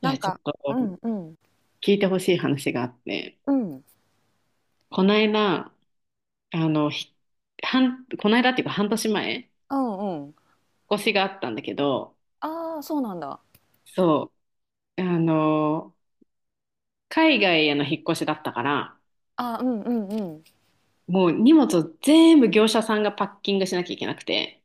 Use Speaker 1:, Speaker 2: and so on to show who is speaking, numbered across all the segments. Speaker 1: い
Speaker 2: な
Speaker 1: や、
Speaker 2: ん
Speaker 1: ちょっ
Speaker 2: か、
Speaker 1: と
Speaker 2: うんうん
Speaker 1: 聞いてほしい話があって、
Speaker 2: うんうん。
Speaker 1: この間、あの、ひこの間っていうか半年前、引
Speaker 2: うん。
Speaker 1: っ越しがあったんだけど、
Speaker 2: ああ、そうなんだ。
Speaker 1: そう、海外への引っ越しだったから、
Speaker 2: あー、うんうんうん。
Speaker 1: もう荷物を全部業者さんがパッキングしなきゃいけなくて、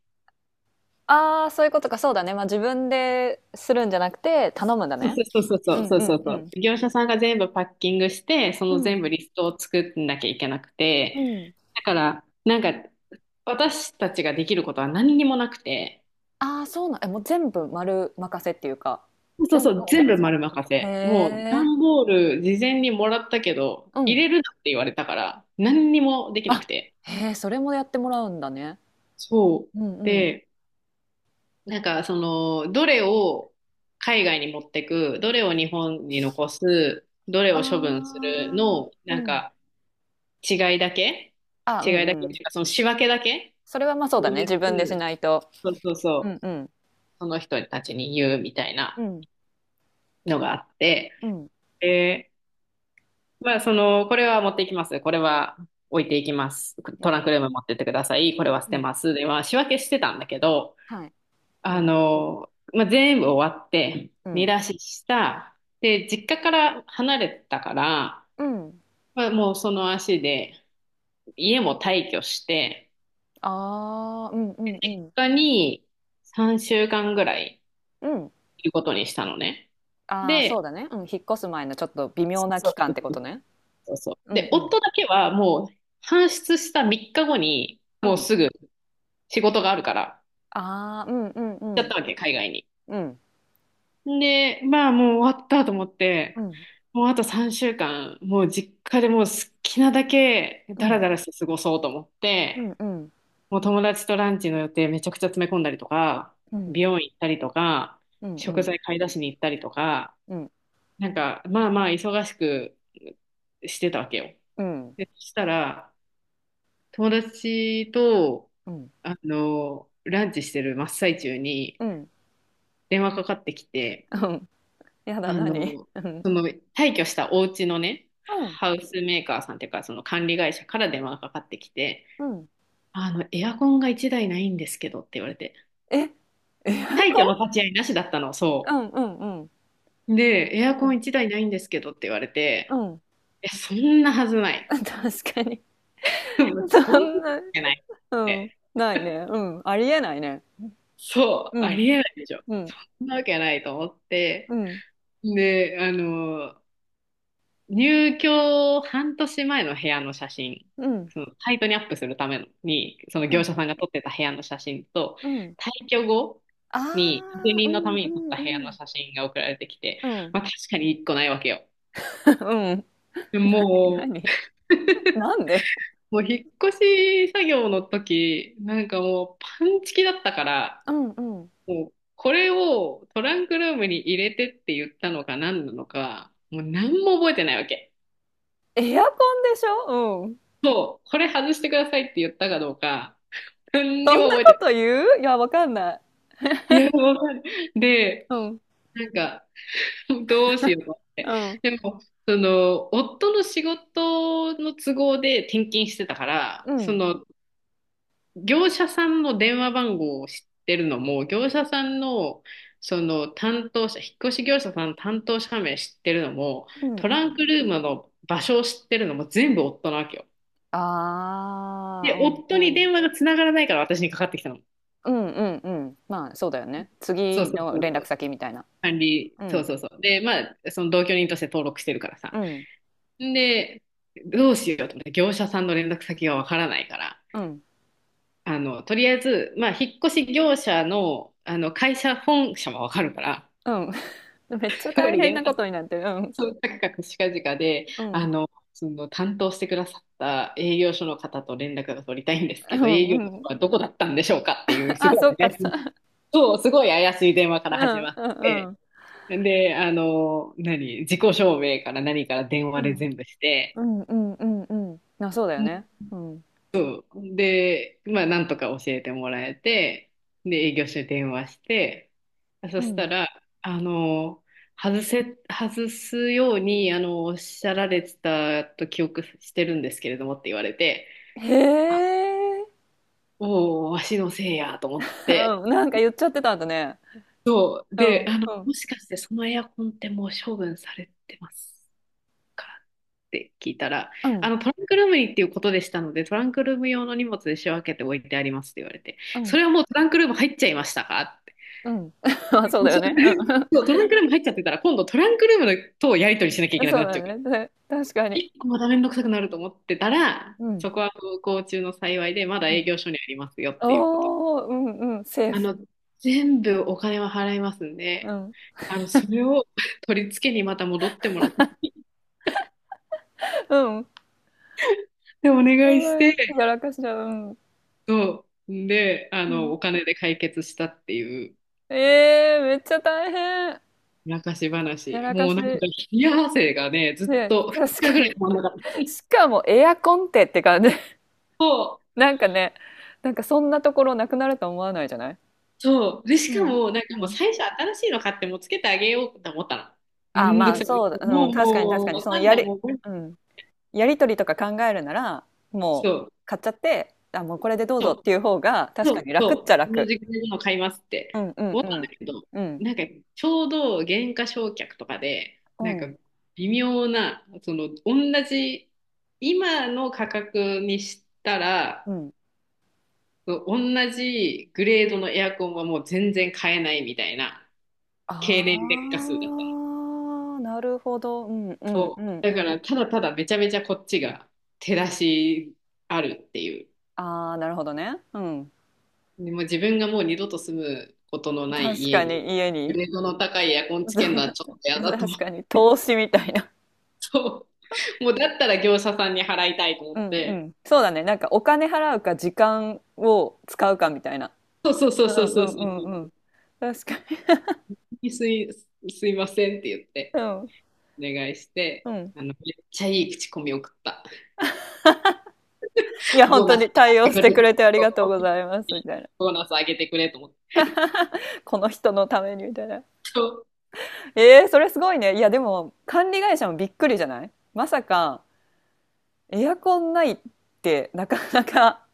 Speaker 2: ああ、そういうことか。そうだね。まあ自分でするんじゃなくて頼むんだ
Speaker 1: そ
Speaker 2: ね。
Speaker 1: うそうそ
Speaker 2: うん
Speaker 1: うそう
Speaker 2: う
Speaker 1: そ
Speaker 2: ん
Speaker 1: う
Speaker 2: う
Speaker 1: そ
Speaker 2: ん。
Speaker 1: う。業者さんが全部パッキングして、そ
Speaker 2: う
Speaker 1: の全
Speaker 2: ん、
Speaker 1: 部リストを作んなきゃいけなく
Speaker 2: う
Speaker 1: て、
Speaker 2: ん。
Speaker 1: だから、なんか私たちができることは何にもなくて、
Speaker 2: ああ、そうなん、え、もう全部丸任せっていうか、
Speaker 1: そう
Speaker 2: 全
Speaker 1: そ
Speaker 2: 部
Speaker 1: う、
Speaker 2: お
Speaker 1: 全
Speaker 2: 任
Speaker 1: 部
Speaker 2: せ。
Speaker 1: 丸任
Speaker 2: へ
Speaker 1: せ。もう、
Speaker 2: え。
Speaker 1: 段ボール事前にもらったけど、
Speaker 2: う
Speaker 1: 入
Speaker 2: ん。
Speaker 1: れるなって言われたから、何にもできな
Speaker 2: あ、
Speaker 1: くて。
Speaker 2: へえ、それもやってもらうんだね。
Speaker 1: そう。
Speaker 2: うんうん。
Speaker 1: で、なんか、どれを海外に持ってく、どれを日本に残す、どれ
Speaker 2: あ
Speaker 1: を処分する
Speaker 2: あ、
Speaker 1: の、
Speaker 2: う
Speaker 1: なん
Speaker 2: ん。
Speaker 1: か、違いだけ
Speaker 2: あ、う
Speaker 1: 違い
Speaker 2: ん
Speaker 1: だけってい
Speaker 2: うん。
Speaker 1: うか、その仕分けだけ
Speaker 2: それはまあそう
Speaker 1: 当
Speaker 2: だね、
Speaker 1: 日、
Speaker 2: 自分でしないと。
Speaker 1: そうそうそ
Speaker 2: う
Speaker 1: う、
Speaker 2: んうん
Speaker 1: その人たちに言うみたい
Speaker 2: う
Speaker 1: な
Speaker 2: ん
Speaker 1: のがあって、
Speaker 2: うん
Speaker 1: で、まあ、これは持っていきます。これは置いていきます。
Speaker 2: う
Speaker 1: トラン
Speaker 2: ん
Speaker 1: クルーム持ってってください。これは捨
Speaker 2: う
Speaker 1: て
Speaker 2: ん。
Speaker 1: ます。で、まあ、仕分けしてたんだけど、
Speaker 2: はい。うん
Speaker 1: まあ、全部終わって、
Speaker 2: う
Speaker 1: 見
Speaker 2: ん
Speaker 1: 出しした。で、実家から離れてたから、
Speaker 2: うん。
Speaker 1: まあ、もうその足で、家も退去して、
Speaker 2: ああ、うんうんう
Speaker 1: 実
Speaker 2: ん。
Speaker 1: 家に3週間ぐらい
Speaker 2: うん。
Speaker 1: いることにしたのね。
Speaker 2: ああ、そ
Speaker 1: で、
Speaker 2: うだね。うん、引っ越す前のちょっと微
Speaker 1: そ
Speaker 2: 妙な期
Speaker 1: う
Speaker 2: 間ってこ
Speaker 1: そ
Speaker 2: と
Speaker 1: う
Speaker 2: ね。
Speaker 1: そうそう。
Speaker 2: うん
Speaker 1: で、
Speaker 2: う
Speaker 1: 夫
Speaker 2: ん
Speaker 1: だけはもう、搬出した3日後に、
Speaker 2: う
Speaker 1: もう
Speaker 2: ん。
Speaker 1: すぐ、仕事があるから、
Speaker 2: ああ、うんうんう
Speaker 1: 行っちゃっ
Speaker 2: ん
Speaker 1: たわけ、海外に。
Speaker 2: うん
Speaker 1: で、まあもう終わったと思っ
Speaker 2: う
Speaker 1: て、
Speaker 2: ん
Speaker 1: もうあと3週間、もう実家でもう好きなだけ
Speaker 2: う
Speaker 1: ダラ
Speaker 2: ん
Speaker 1: ダラして過ごそうと思っ
Speaker 2: うん
Speaker 1: て、
Speaker 2: うん
Speaker 1: もう友達とランチの予定めちゃくちゃ詰め込んだりとか、
Speaker 2: うん
Speaker 1: 美容院行ったりとか、
Speaker 2: うんう
Speaker 1: 食
Speaker 2: ん
Speaker 1: 材買い出しに行ったりとか、
Speaker 2: うん
Speaker 1: なんかまあまあ忙しくしてたわけよ。
Speaker 2: うんうん
Speaker 1: で、そしたら、友達と、
Speaker 2: うん
Speaker 1: ランチしてる真っ最中に
Speaker 2: うん。
Speaker 1: 電話かかってきて、
Speaker 2: やだ、
Speaker 1: あの、
Speaker 2: 何、うん。
Speaker 1: その退去したお家のね、
Speaker 2: うん
Speaker 1: ハウスメーカーさんっていうか、その管理会社から電話がかかってきて、
Speaker 2: うん、
Speaker 1: エアコンが1台ないんですけどって言われて、
Speaker 2: え、
Speaker 1: 退去
Speaker 2: こ
Speaker 1: の
Speaker 2: ん、
Speaker 1: 立ち会いなしだったの、
Speaker 2: う
Speaker 1: そ
Speaker 2: んうんうん
Speaker 1: う。で、エア
Speaker 2: う
Speaker 1: コン
Speaker 2: ん
Speaker 1: 1台ないんですけどって言われ
Speaker 2: う
Speaker 1: て、
Speaker 2: ん。
Speaker 1: え、そんなはずない。
Speaker 2: 確かに。
Speaker 1: そんな
Speaker 2: そ
Speaker 1: わ
Speaker 2: んな。
Speaker 1: けない
Speaker 2: う
Speaker 1: って。
Speaker 2: ん、ないね。うん、ありえないね。
Speaker 1: そう、
Speaker 2: う
Speaker 1: あ
Speaker 2: ん
Speaker 1: りえないでしょ。
Speaker 2: うん
Speaker 1: そんなわけないと思っ
Speaker 2: う
Speaker 1: て、
Speaker 2: ん。
Speaker 1: で、入居半年前の部屋の写真、
Speaker 2: うん、
Speaker 1: そのサイトにアップするためのに、その
Speaker 2: う
Speaker 1: 業者
Speaker 2: ん、
Speaker 1: さんが撮ってた部屋の写真と、
Speaker 2: うん。
Speaker 1: 退去後
Speaker 2: あ
Speaker 1: に確
Speaker 2: あ、
Speaker 1: 認
Speaker 2: う
Speaker 1: のた
Speaker 2: ん、
Speaker 1: め
Speaker 2: う
Speaker 1: に撮っ
Speaker 2: ん、
Speaker 1: た部屋
Speaker 2: う
Speaker 1: の
Speaker 2: ん。
Speaker 1: 写真が送られてきて、
Speaker 2: うん。
Speaker 1: まあ確かに一個ないわけよ。
Speaker 2: うん。
Speaker 1: でも
Speaker 2: 何、何、なに、なんで、
Speaker 1: もう引っ越し作業の時、なんかもうパンチキだったから、
Speaker 2: うん、うん。
Speaker 1: もうこれをトランクルームに入れてって言ったのか何なのか、もう何も覚えてないわけ。
Speaker 2: エアコンでしょ、うん。
Speaker 1: そう、これ外してくださいって言ったかどうか、何に
Speaker 2: そ
Speaker 1: も
Speaker 2: んな
Speaker 1: 覚えて
Speaker 2: こ
Speaker 1: な
Speaker 2: と
Speaker 1: い。
Speaker 2: 言う、いや、わかんない。
Speaker 1: いや、わかる。で、
Speaker 2: うん、
Speaker 1: なんか、どうしようと思って。
Speaker 2: うん。
Speaker 1: でも、夫の仕事の都合で転勤してたか
Speaker 2: う
Speaker 1: ら、
Speaker 2: ん、
Speaker 1: 業者さんの電話番号を知ってるのも、業者さんの、その担当者、引っ越し業者さんの担当者名知ってるのも、
Speaker 2: うん、
Speaker 1: ト
Speaker 2: う
Speaker 1: ラ
Speaker 2: ん。
Speaker 1: ンクルームの場所を知ってるのも全部夫なわけよ。
Speaker 2: ああ、
Speaker 1: で、
Speaker 2: う
Speaker 1: 夫に
Speaker 2: ん、う
Speaker 1: 電
Speaker 2: ん。
Speaker 1: 話がつながらないから私にかかってきたの。
Speaker 2: うんうんうん。まあそうだよね。
Speaker 1: そう
Speaker 2: 次
Speaker 1: そう
Speaker 2: の
Speaker 1: そう
Speaker 2: 連
Speaker 1: そ
Speaker 2: 絡
Speaker 1: う。
Speaker 2: 先みたいな。う
Speaker 1: そう
Speaker 2: ん。
Speaker 1: そうそう。で、まあ、その同居人として登録してるから
Speaker 2: う
Speaker 1: さ。
Speaker 2: ん。
Speaker 1: で、どうしようと思って、業者さんの連絡先がわからないから、
Speaker 2: うん。
Speaker 1: とりあえず、まあ、引っ越し業者の、会社本社もわかるから、
Speaker 2: うん。めっちゃ
Speaker 1: そこ
Speaker 2: 大
Speaker 1: に
Speaker 2: 変
Speaker 1: 連
Speaker 2: なこ
Speaker 1: 絡、
Speaker 2: とになってる。うん。
Speaker 1: そう、カクカクしかじかで、
Speaker 2: う
Speaker 1: あ
Speaker 2: ん。
Speaker 1: の、その担当してくださった営業所の方と連絡が取りたいんです
Speaker 2: う
Speaker 1: けど、営
Speaker 2: ん。
Speaker 1: 業所
Speaker 2: うん。
Speaker 1: はどこだったんでしょうかっていう、す
Speaker 2: あ、
Speaker 1: ご
Speaker 2: そ
Speaker 1: い
Speaker 2: っか
Speaker 1: 怪しい、
Speaker 2: さ。
Speaker 1: そう、すごい怪しい電話か
Speaker 2: う
Speaker 1: ら始
Speaker 2: ん
Speaker 1: まっ
Speaker 2: うん
Speaker 1: て、
Speaker 2: うん。
Speaker 1: で、自己証明から何から電
Speaker 2: う
Speaker 1: 話で
Speaker 2: ん。
Speaker 1: 全部して、
Speaker 2: うんうんうんうん。あ、そうだよね。うん。
Speaker 1: で、まあ、なんとか教えてもらえて、で、営業所に電話して、
Speaker 2: う
Speaker 1: そした
Speaker 2: ん。
Speaker 1: ら、あの、外すように、おっしゃられてたと記憶してるんですけれどもって言われて、
Speaker 2: へ
Speaker 1: あ、
Speaker 2: え。
Speaker 1: おお、わしのせいやと思って、
Speaker 2: うん、なんか言っちゃってたんだね。うん、
Speaker 1: で、
Speaker 2: うん、
Speaker 1: もしかしてそのエアコンってもう処分されてますからって聞いたら、
Speaker 2: うん、
Speaker 1: トランクルームにっていうことでしたので、トランクルーム用の荷物で仕分けて置いてありますって言われて、
Speaker 2: う
Speaker 1: そ
Speaker 2: ん、
Speaker 1: れはもうトランクルーム入っちゃいましたかって。
Speaker 2: うん。あ、そう
Speaker 1: も
Speaker 2: だ
Speaker 1: う
Speaker 2: よ
Speaker 1: そ
Speaker 2: ね。
Speaker 1: れそう、トランクルーム入っちゃってたら、今度トランクルームとやり取りしなきゃい
Speaker 2: うん。
Speaker 1: けなく
Speaker 2: そ
Speaker 1: な
Speaker 2: う
Speaker 1: っ
Speaker 2: だ
Speaker 1: ちゃうから、
Speaker 2: よね。で、確かに。
Speaker 1: 一個まためんどくさくなると思ってたら、
Speaker 2: う
Speaker 1: そ
Speaker 2: ん、
Speaker 1: こは不幸中の幸いで、まだ
Speaker 2: う
Speaker 1: 営
Speaker 2: ん。
Speaker 1: 業所にありますよっていうこと。
Speaker 2: おお、うんうん、セー
Speaker 1: あ
Speaker 2: フ。
Speaker 1: の、全部お金は払いますん
Speaker 2: う
Speaker 1: で、
Speaker 2: ん、
Speaker 1: それを取り付けにまた戻ってもらって、
Speaker 2: うん。
Speaker 1: でお願い
Speaker 2: ご
Speaker 1: し
Speaker 2: め
Speaker 1: て、
Speaker 2: ん、やらかしだ、うん、
Speaker 1: そう。んで、
Speaker 2: うん。
Speaker 1: お金で解決したっていう
Speaker 2: ええ、めっちゃ大変。
Speaker 1: 昔
Speaker 2: や
Speaker 1: 話。
Speaker 2: らか
Speaker 1: もうなんか、
Speaker 2: し。
Speaker 1: 冷や汗がね、ずっ
Speaker 2: ね、
Speaker 1: と2
Speaker 2: 確
Speaker 1: 日
Speaker 2: か
Speaker 1: ぐらい
Speaker 2: に。
Speaker 1: 止まんなかった。
Speaker 2: しかもエアコンってって感じ。
Speaker 1: そう、
Speaker 2: なんかね、なんかそんなところなくなると思わないじゃない。
Speaker 1: そう。で、し
Speaker 2: う
Speaker 1: か
Speaker 2: ん。
Speaker 1: も、なんか
Speaker 2: う
Speaker 1: もう
Speaker 2: ん。
Speaker 1: 最初新しいの買ってもうつけてあげようと思ったの。め
Speaker 2: あ、
Speaker 1: んど
Speaker 2: ま
Speaker 1: く
Speaker 2: あ、
Speaker 1: さい。
Speaker 2: そうだ、う
Speaker 1: も
Speaker 2: ん、
Speaker 1: う、
Speaker 2: 確かに確
Speaker 1: も
Speaker 2: か
Speaker 1: う、
Speaker 2: に、
Speaker 1: わ
Speaker 2: その
Speaker 1: かん
Speaker 2: や
Speaker 1: ない。
Speaker 2: り、
Speaker 1: もう、
Speaker 2: うん、やりとりとか考えるなら、
Speaker 1: そ
Speaker 2: もう
Speaker 1: う、
Speaker 2: 買っちゃって、あ、もうこれでどうぞ
Speaker 1: そう。
Speaker 2: っていう方が、確
Speaker 1: そ
Speaker 2: か
Speaker 1: う、
Speaker 2: に楽っち
Speaker 1: そ
Speaker 2: ゃ
Speaker 1: う、この
Speaker 2: 楽。
Speaker 1: 時間の買いますっ
Speaker 2: う
Speaker 1: て
Speaker 2: んうん
Speaker 1: 思っ
Speaker 2: う
Speaker 1: たんだ
Speaker 2: ん。
Speaker 1: けど、
Speaker 2: うん、
Speaker 1: なんかちょうど減価償却とかで、
Speaker 2: う
Speaker 1: なんか
Speaker 2: ん、
Speaker 1: 微妙な、その同じ、今の価格にした
Speaker 2: う
Speaker 1: ら、
Speaker 2: ん。
Speaker 1: そう同じグレードのエアコンはもう全然買えないみたいな経年劣化
Speaker 2: あ
Speaker 1: 数だったの。
Speaker 2: あ、なるほど。うんうんう
Speaker 1: そう。
Speaker 2: ん
Speaker 1: だ
Speaker 2: う
Speaker 1: から
Speaker 2: ん。
Speaker 1: ただただめちゃめちゃこっちが手出しあるっていう。
Speaker 2: ああ、なるほどね。うん。
Speaker 1: でも自分がもう二度と住むことのない
Speaker 2: 確
Speaker 1: 家
Speaker 2: かに
Speaker 1: に、
Speaker 2: 家
Speaker 1: グ
Speaker 2: に、
Speaker 1: レードの高いエアコンつけるのはちょっと 嫌だと
Speaker 2: 確
Speaker 1: 思って、
Speaker 2: かに投資みたいな。
Speaker 1: そう もうだったら業者さんに払いたいと思っ
Speaker 2: うんう
Speaker 1: て、
Speaker 2: ん。そうだね。なんかお金払うか時間を使うかみたいな。
Speaker 1: そうそうそう
Speaker 2: う
Speaker 1: そう
Speaker 2: んう
Speaker 1: そうそ
Speaker 2: んうんう
Speaker 1: う、
Speaker 2: ん。確かに。
Speaker 1: すい、すいませんって言って、
Speaker 2: うん。
Speaker 1: お願いして、
Speaker 2: うん。
Speaker 1: めっちゃいい口コミ送った。
Speaker 2: いや、本
Speaker 1: ボー
Speaker 2: 当
Speaker 1: ナス
Speaker 2: に対応
Speaker 1: 上げ
Speaker 2: し
Speaker 1: て
Speaker 2: て
Speaker 1: くれ、
Speaker 2: くれてあり
Speaker 1: そ
Speaker 2: が
Speaker 1: う
Speaker 2: とうございます、みたいな。
Speaker 1: ボーナス上げてくれと思って。
Speaker 2: この人のために、みたいな。
Speaker 1: そう
Speaker 2: えー、それすごいね。いや、でも、管理会社もびっくりじゃない、まさか、エアコンないってなかなか。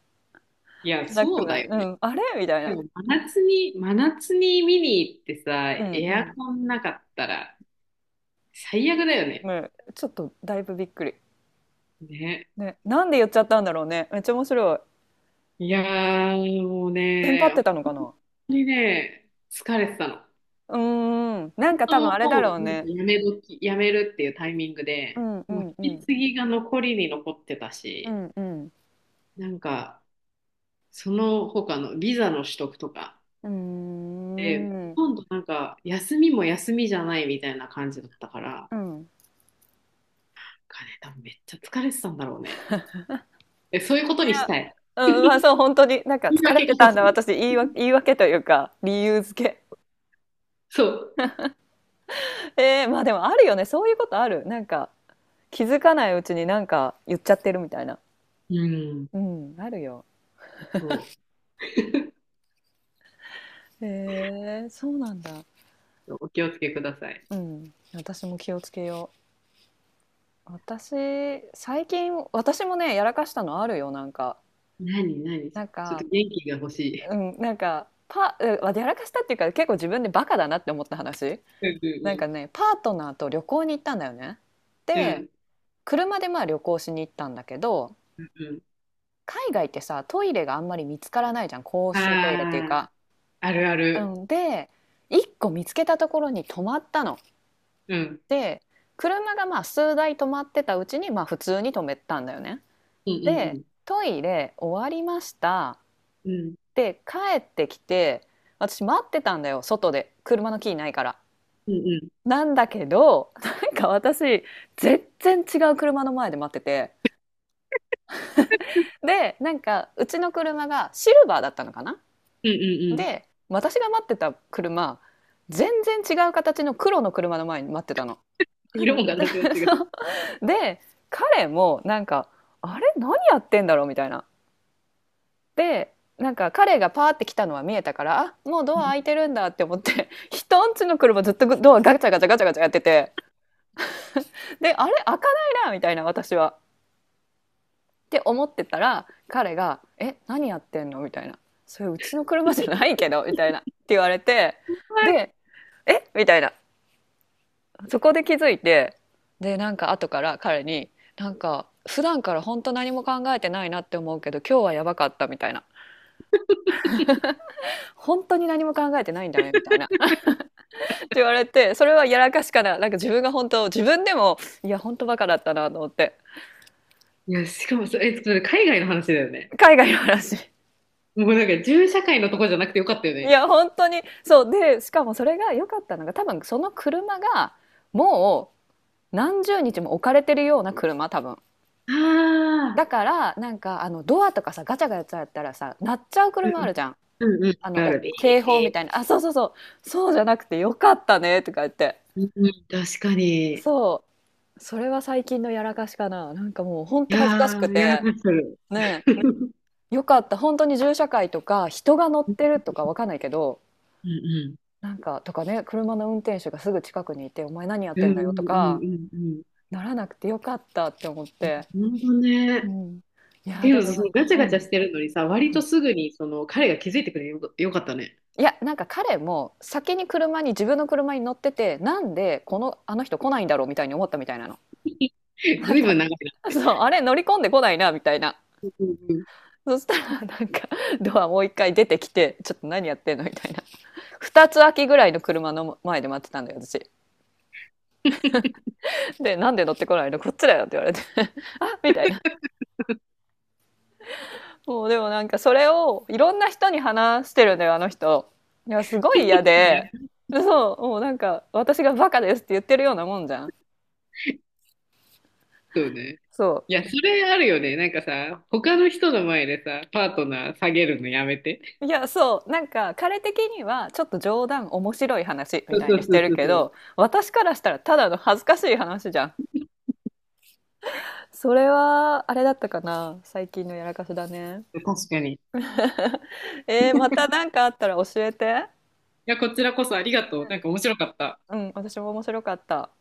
Speaker 1: いや、
Speaker 2: なく
Speaker 1: そう
Speaker 2: ない、
Speaker 1: だよ
Speaker 2: う
Speaker 1: ね。
Speaker 2: ん。あれみたい
Speaker 1: で
Speaker 2: な。
Speaker 1: も真夏に、真夏に見に行ってさ、
Speaker 2: うん
Speaker 1: エ
Speaker 2: う
Speaker 1: ア
Speaker 2: ん。
Speaker 1: コンなかったら最悪だよね。
Speaker 2: ね、ちょっとだいぶびっくり。
Speaker 1: ね。
Speaker 2: ね。なんで言っちゃったんだろうね。めっちゃ面白い。
Speaker 1: いやー、もう
Speaker 2: テンパ
Speaker 1: ね、
Speaker 2: っ
Speaker 1: 本
Speaker 2: てたのかな。
Speaker 1: 当にね、疲れてたの。本
Speaker 2: うーん。なんか多分
Speaker 1: 当、
Speaker 2: あれだ
Speaker 1: もう、
Speaker 2: ろう
Speaker 1: なんか
Speaker 2: ね。
Speaker 1: やめるっていうタイミング
Speaker 2: う
Speaker 1: で、
Speaker 2: んう
Speaker 1: もう
Speaker 2: んう
Speaker 1: 引き
Speaker 2: ん。
Speaker 1: 継ぎが残りに残ってた
Speaker 2: う
Speaker 1: し、
Speaker 2: んうん。
Speaker 1: なんか、その他のビザの取得とか、
Speaker 2: うー
Speaker 1: で、ほ
Speaker 2: ん。
Speaker 1: とんどなんか、休みも休みじゃないみたいな感じだったから、なん
Speaker 2: うん。
Speaker 1: かね、多分めっちゃ疲れてたんだろうね。え、そういうこと
Speaker 2: い
Speaker 1: にし
Speaker 2: や、
Speaker 1: たい。
Speaker 2: うん、まあそう、本当に、なんか
Speaker 1: 言い
Speaker 2: 疲れ
Speaker 1: 訳が
Speaker 2: てた
Speaker 1: 欲
Speaker 2: ん
Speaker 1: し
Speaker 2: だ、
Speaker 1: い。
Speaker 2: 私、言い訳、言い訳というか、理由付け。
Speaker 1: そう。
Speaker 2: えー、まあでもあるよね、そういうことある。気づかないうちになんか言っちゃってるみたいな。
Speaker 1: うん、
Speaker 2: うん、あるよ。
Speaker 1: そ
Speaker 2: へえ、そうなんだ。
Speaker 1: う。お気をつけください。
Speaker 2: うん、私も気をつけよう。私、最近、私もね、やらかしたのあるよ、なんか。
Speaker 1: 何、何、ち
Speaker 2: なん
Speaker 1: ょっ
Speaker 2: か、
Speaker 1: と元気が欲しい。
Speaker 2: うん、なんかパうやらかしたっていうか、結構自分でバカだなって思った話。
Speaker 1: うん
Speaker 2: なん
Speaker 1: う
Speaker 2: かね、パートナーと旅行に行ったんだよね。
Speaker 1: んうん。う
Speaker 2: で、
Speaker 1: ん
Speaker 2: 車でまあ旅行しに行ったんだけど、
Speaker 1: うんうん。
Speaker 2: 海外ってさ、トイレがあんまり見つからないじゃん、公
Speaker 1: あ
Speaker 2: 衆トイレっていうか。
Speaker 1: あ、あるあ
Speaker 2: う
Speaker 1: る。
Speaker 2: ん、で、一個見つけたところに止まったの。
Speaker 1: うん。
Speaker 2: で、車がまあ数台止まってたうちにまあ普通に止めたんだよね。
Speaker 1: うんう
Speaker 2: で、
Speaker 1: ん
Speaker 2: トイレ終わりました。
Speaker 1: うん。うん
Speaker 2: で、帰ってきて、私待ってたんだよ、外で、車のキーないから。
Speaker 1: うんうん。
Speaker 2: なんだけど、なんか私、全然違う車の前で待ってて。で、なんか、うちの車がシルバーだったのかな。
Speaker 1: うんうんうん。
Speaker 2: で、私が待ってた車、全然違う形の黒の車の前に待ってたの。
Speaker 1: 色も形も違う。
Speaker 2: で、彼もなんか、あれ何やってんだろうみたいな。で、なんか彼がパーって来たのは見えたから、あ、もうドア開いてるんだって思って、人んちの車ずっとドアガチャガチャガチャガチャやってて、で、あれ開かないなみたいな、私は。って思ってたら彼が「え、何やってんの？」みたいな、「それうちの車じゃないけど」みたいなって言われて、
Speaker 1: はい。
Speaker 2: で「え」みたいな。そこで気づいて、で、なんか後から彼に、なんか普段から本当何も考えてないなって思うけど、今日はやばかったみたいな、本当に何も考えてないんだねみたいなって言われて、それはやらかしかな、なんか自分が本当、自分でも、いや本当バカだったなと思って。
Speaker 1: いや、しかもそれ海外の話だよね。
Speaker 2: 海外の話。
Speaker 1: もうなんか、銃社会のとこじゃなくてよかったよ
Speaker 2: い
Speaker 1: ね。
Speaker 2: や、本当に。そう。で、しかもそれが良かったのが、多分その車が、もう何十日も置かれてるような車、多分。
Speaker 1: あ
Speaker 2: だ
Speaker 1: あ、
Speaker 2: から、なんか、あの、ドアとかさ、ガチャガチャやったらさ、鳴っちゃう
Speaker 1: うん
Speaker 2: 車
Speaker 1: う
Speaker 2: あ
Speaker 1: ん、
Speaker 2: るじゃん。
Speaker 1: うんう
Speaker 2: あ
Speaker 1: ん、
Speaker 2: の、
Speaker 1: あ
Speaker 2: お
Speaker 1: るある。
Speaker 2: 警報みたいな。あ、そうそうそう。そうじゃなくて良かったね、とか言って。
Speaker 1: うんうん、確かに。い
Speaker 2: そう。それは最近のやらかしかな。なんかもう、本当恥ずかし
Speaker 1: や
Speaker 2: く
Speaker 1: ー、やら
Speaker 2: て。
Speaker 1: かする。
Speaker 2: ね
Speaker 1: うん
Speaker 2: え。良かった。本当に銃社会とか、人が乗ってるとかわかんないけど、
Speaker 1: うん。
Speaker 2: なんかとかね、車の運転手がすぐ近くにいて「お前何やっ
Speaker 1: う
Speaker 2: て
Speaker 1: ん
Speaker 2: ん
Speaker 1: う
Speaker 2: だよ」と
Speaker 1: ん
Speaker 2: か
Speaker 1: うんうん
Speaker 2: ならなくてよかったって思っ
Speaker 1: う
Speaker 2: て。
Speaker 1: ん。本当ね。
Speaker 2: う
Speaker 1: っ
Speaker 2: ん。い
Speaker 1: て
Speaker 2: や、
Speaker 1: い
Speaker 2: で
Speaker 1: うの
Speaker 2: も
Speaker 1: と、そ
Speaker 2: な
Speaker 1: の
Speaker 2: んか、
Speaker 1: ガチャ
Speaker 2: う
Speaker 1: ガチャ
Speaker 2: ん、
Speaker 1: してるのにさ、割
Speaker 2: う
Speaker 1: と
Speaker 2: ん。
Speaker 1: すぐにその彼が気づいてくれよ、よかったね。
Speaker 2: いや、なんか彼も先に車に、自分の車に乗ってて、なんでこのあの人来ないんだろうみたいに思ったみたいなの。なん
Speaker 1: ずいぶ
Speaker 2: か、
Speaker 1: ん長いなっ
Speaker 2: そ
Speaker 1: て。
Speaker 2: う、あれ乗り込んでこないなみたいな。
Speaker 1: うんうん、
Speaker 2: そしたらなんかドアもう一回出てきて、ちょっと何やってんのみたいな。2つ空きぐらいの車の前で待ってたんだよ、私。で、なんで乗ってこないの、こっちだよって言われて、あ、みたいな。そう、でもなんかそれをいろんな人に話してるんだよ、あの人。いや、すごい嫌
Speaker 1: いや、
Speaker 2: で、そう、もうなんか私がバカですって言ってるようなもんじゃん。
Speaker 1: そうね。
Speaker 2: そ
Speaker 1: いや、それあるよね。なんかさ、他の人の前でさ、パートナー下げるのやめて。
Speaker 2: う。いや、そう、なんか彼的にはちょっと冗談、面白い話み
Speaker 1: そう
Speaker 2: たい
Speaker 1: そ
Speaker 2: に
Speaker 1: う
Speaker 2: し
Speaker 1: そ
Speaker 2: て
Speaker 1: う
Speaker 2: る
Speaker 1: そう
Speaker 2: けど、
Speaker 1: そ
Speaker 2: 私からしたらただの恥ずかしい話じゃん。それは、あれだったかな。最近のやらかしだね。
Speaker 1: う。確かに。い
Speaker 2: えー、またなんかあったら教えて。
Speaker 1: や、こちらこそありがとう。なんか面白かった。
Speaker 2: うん、私も面白かった。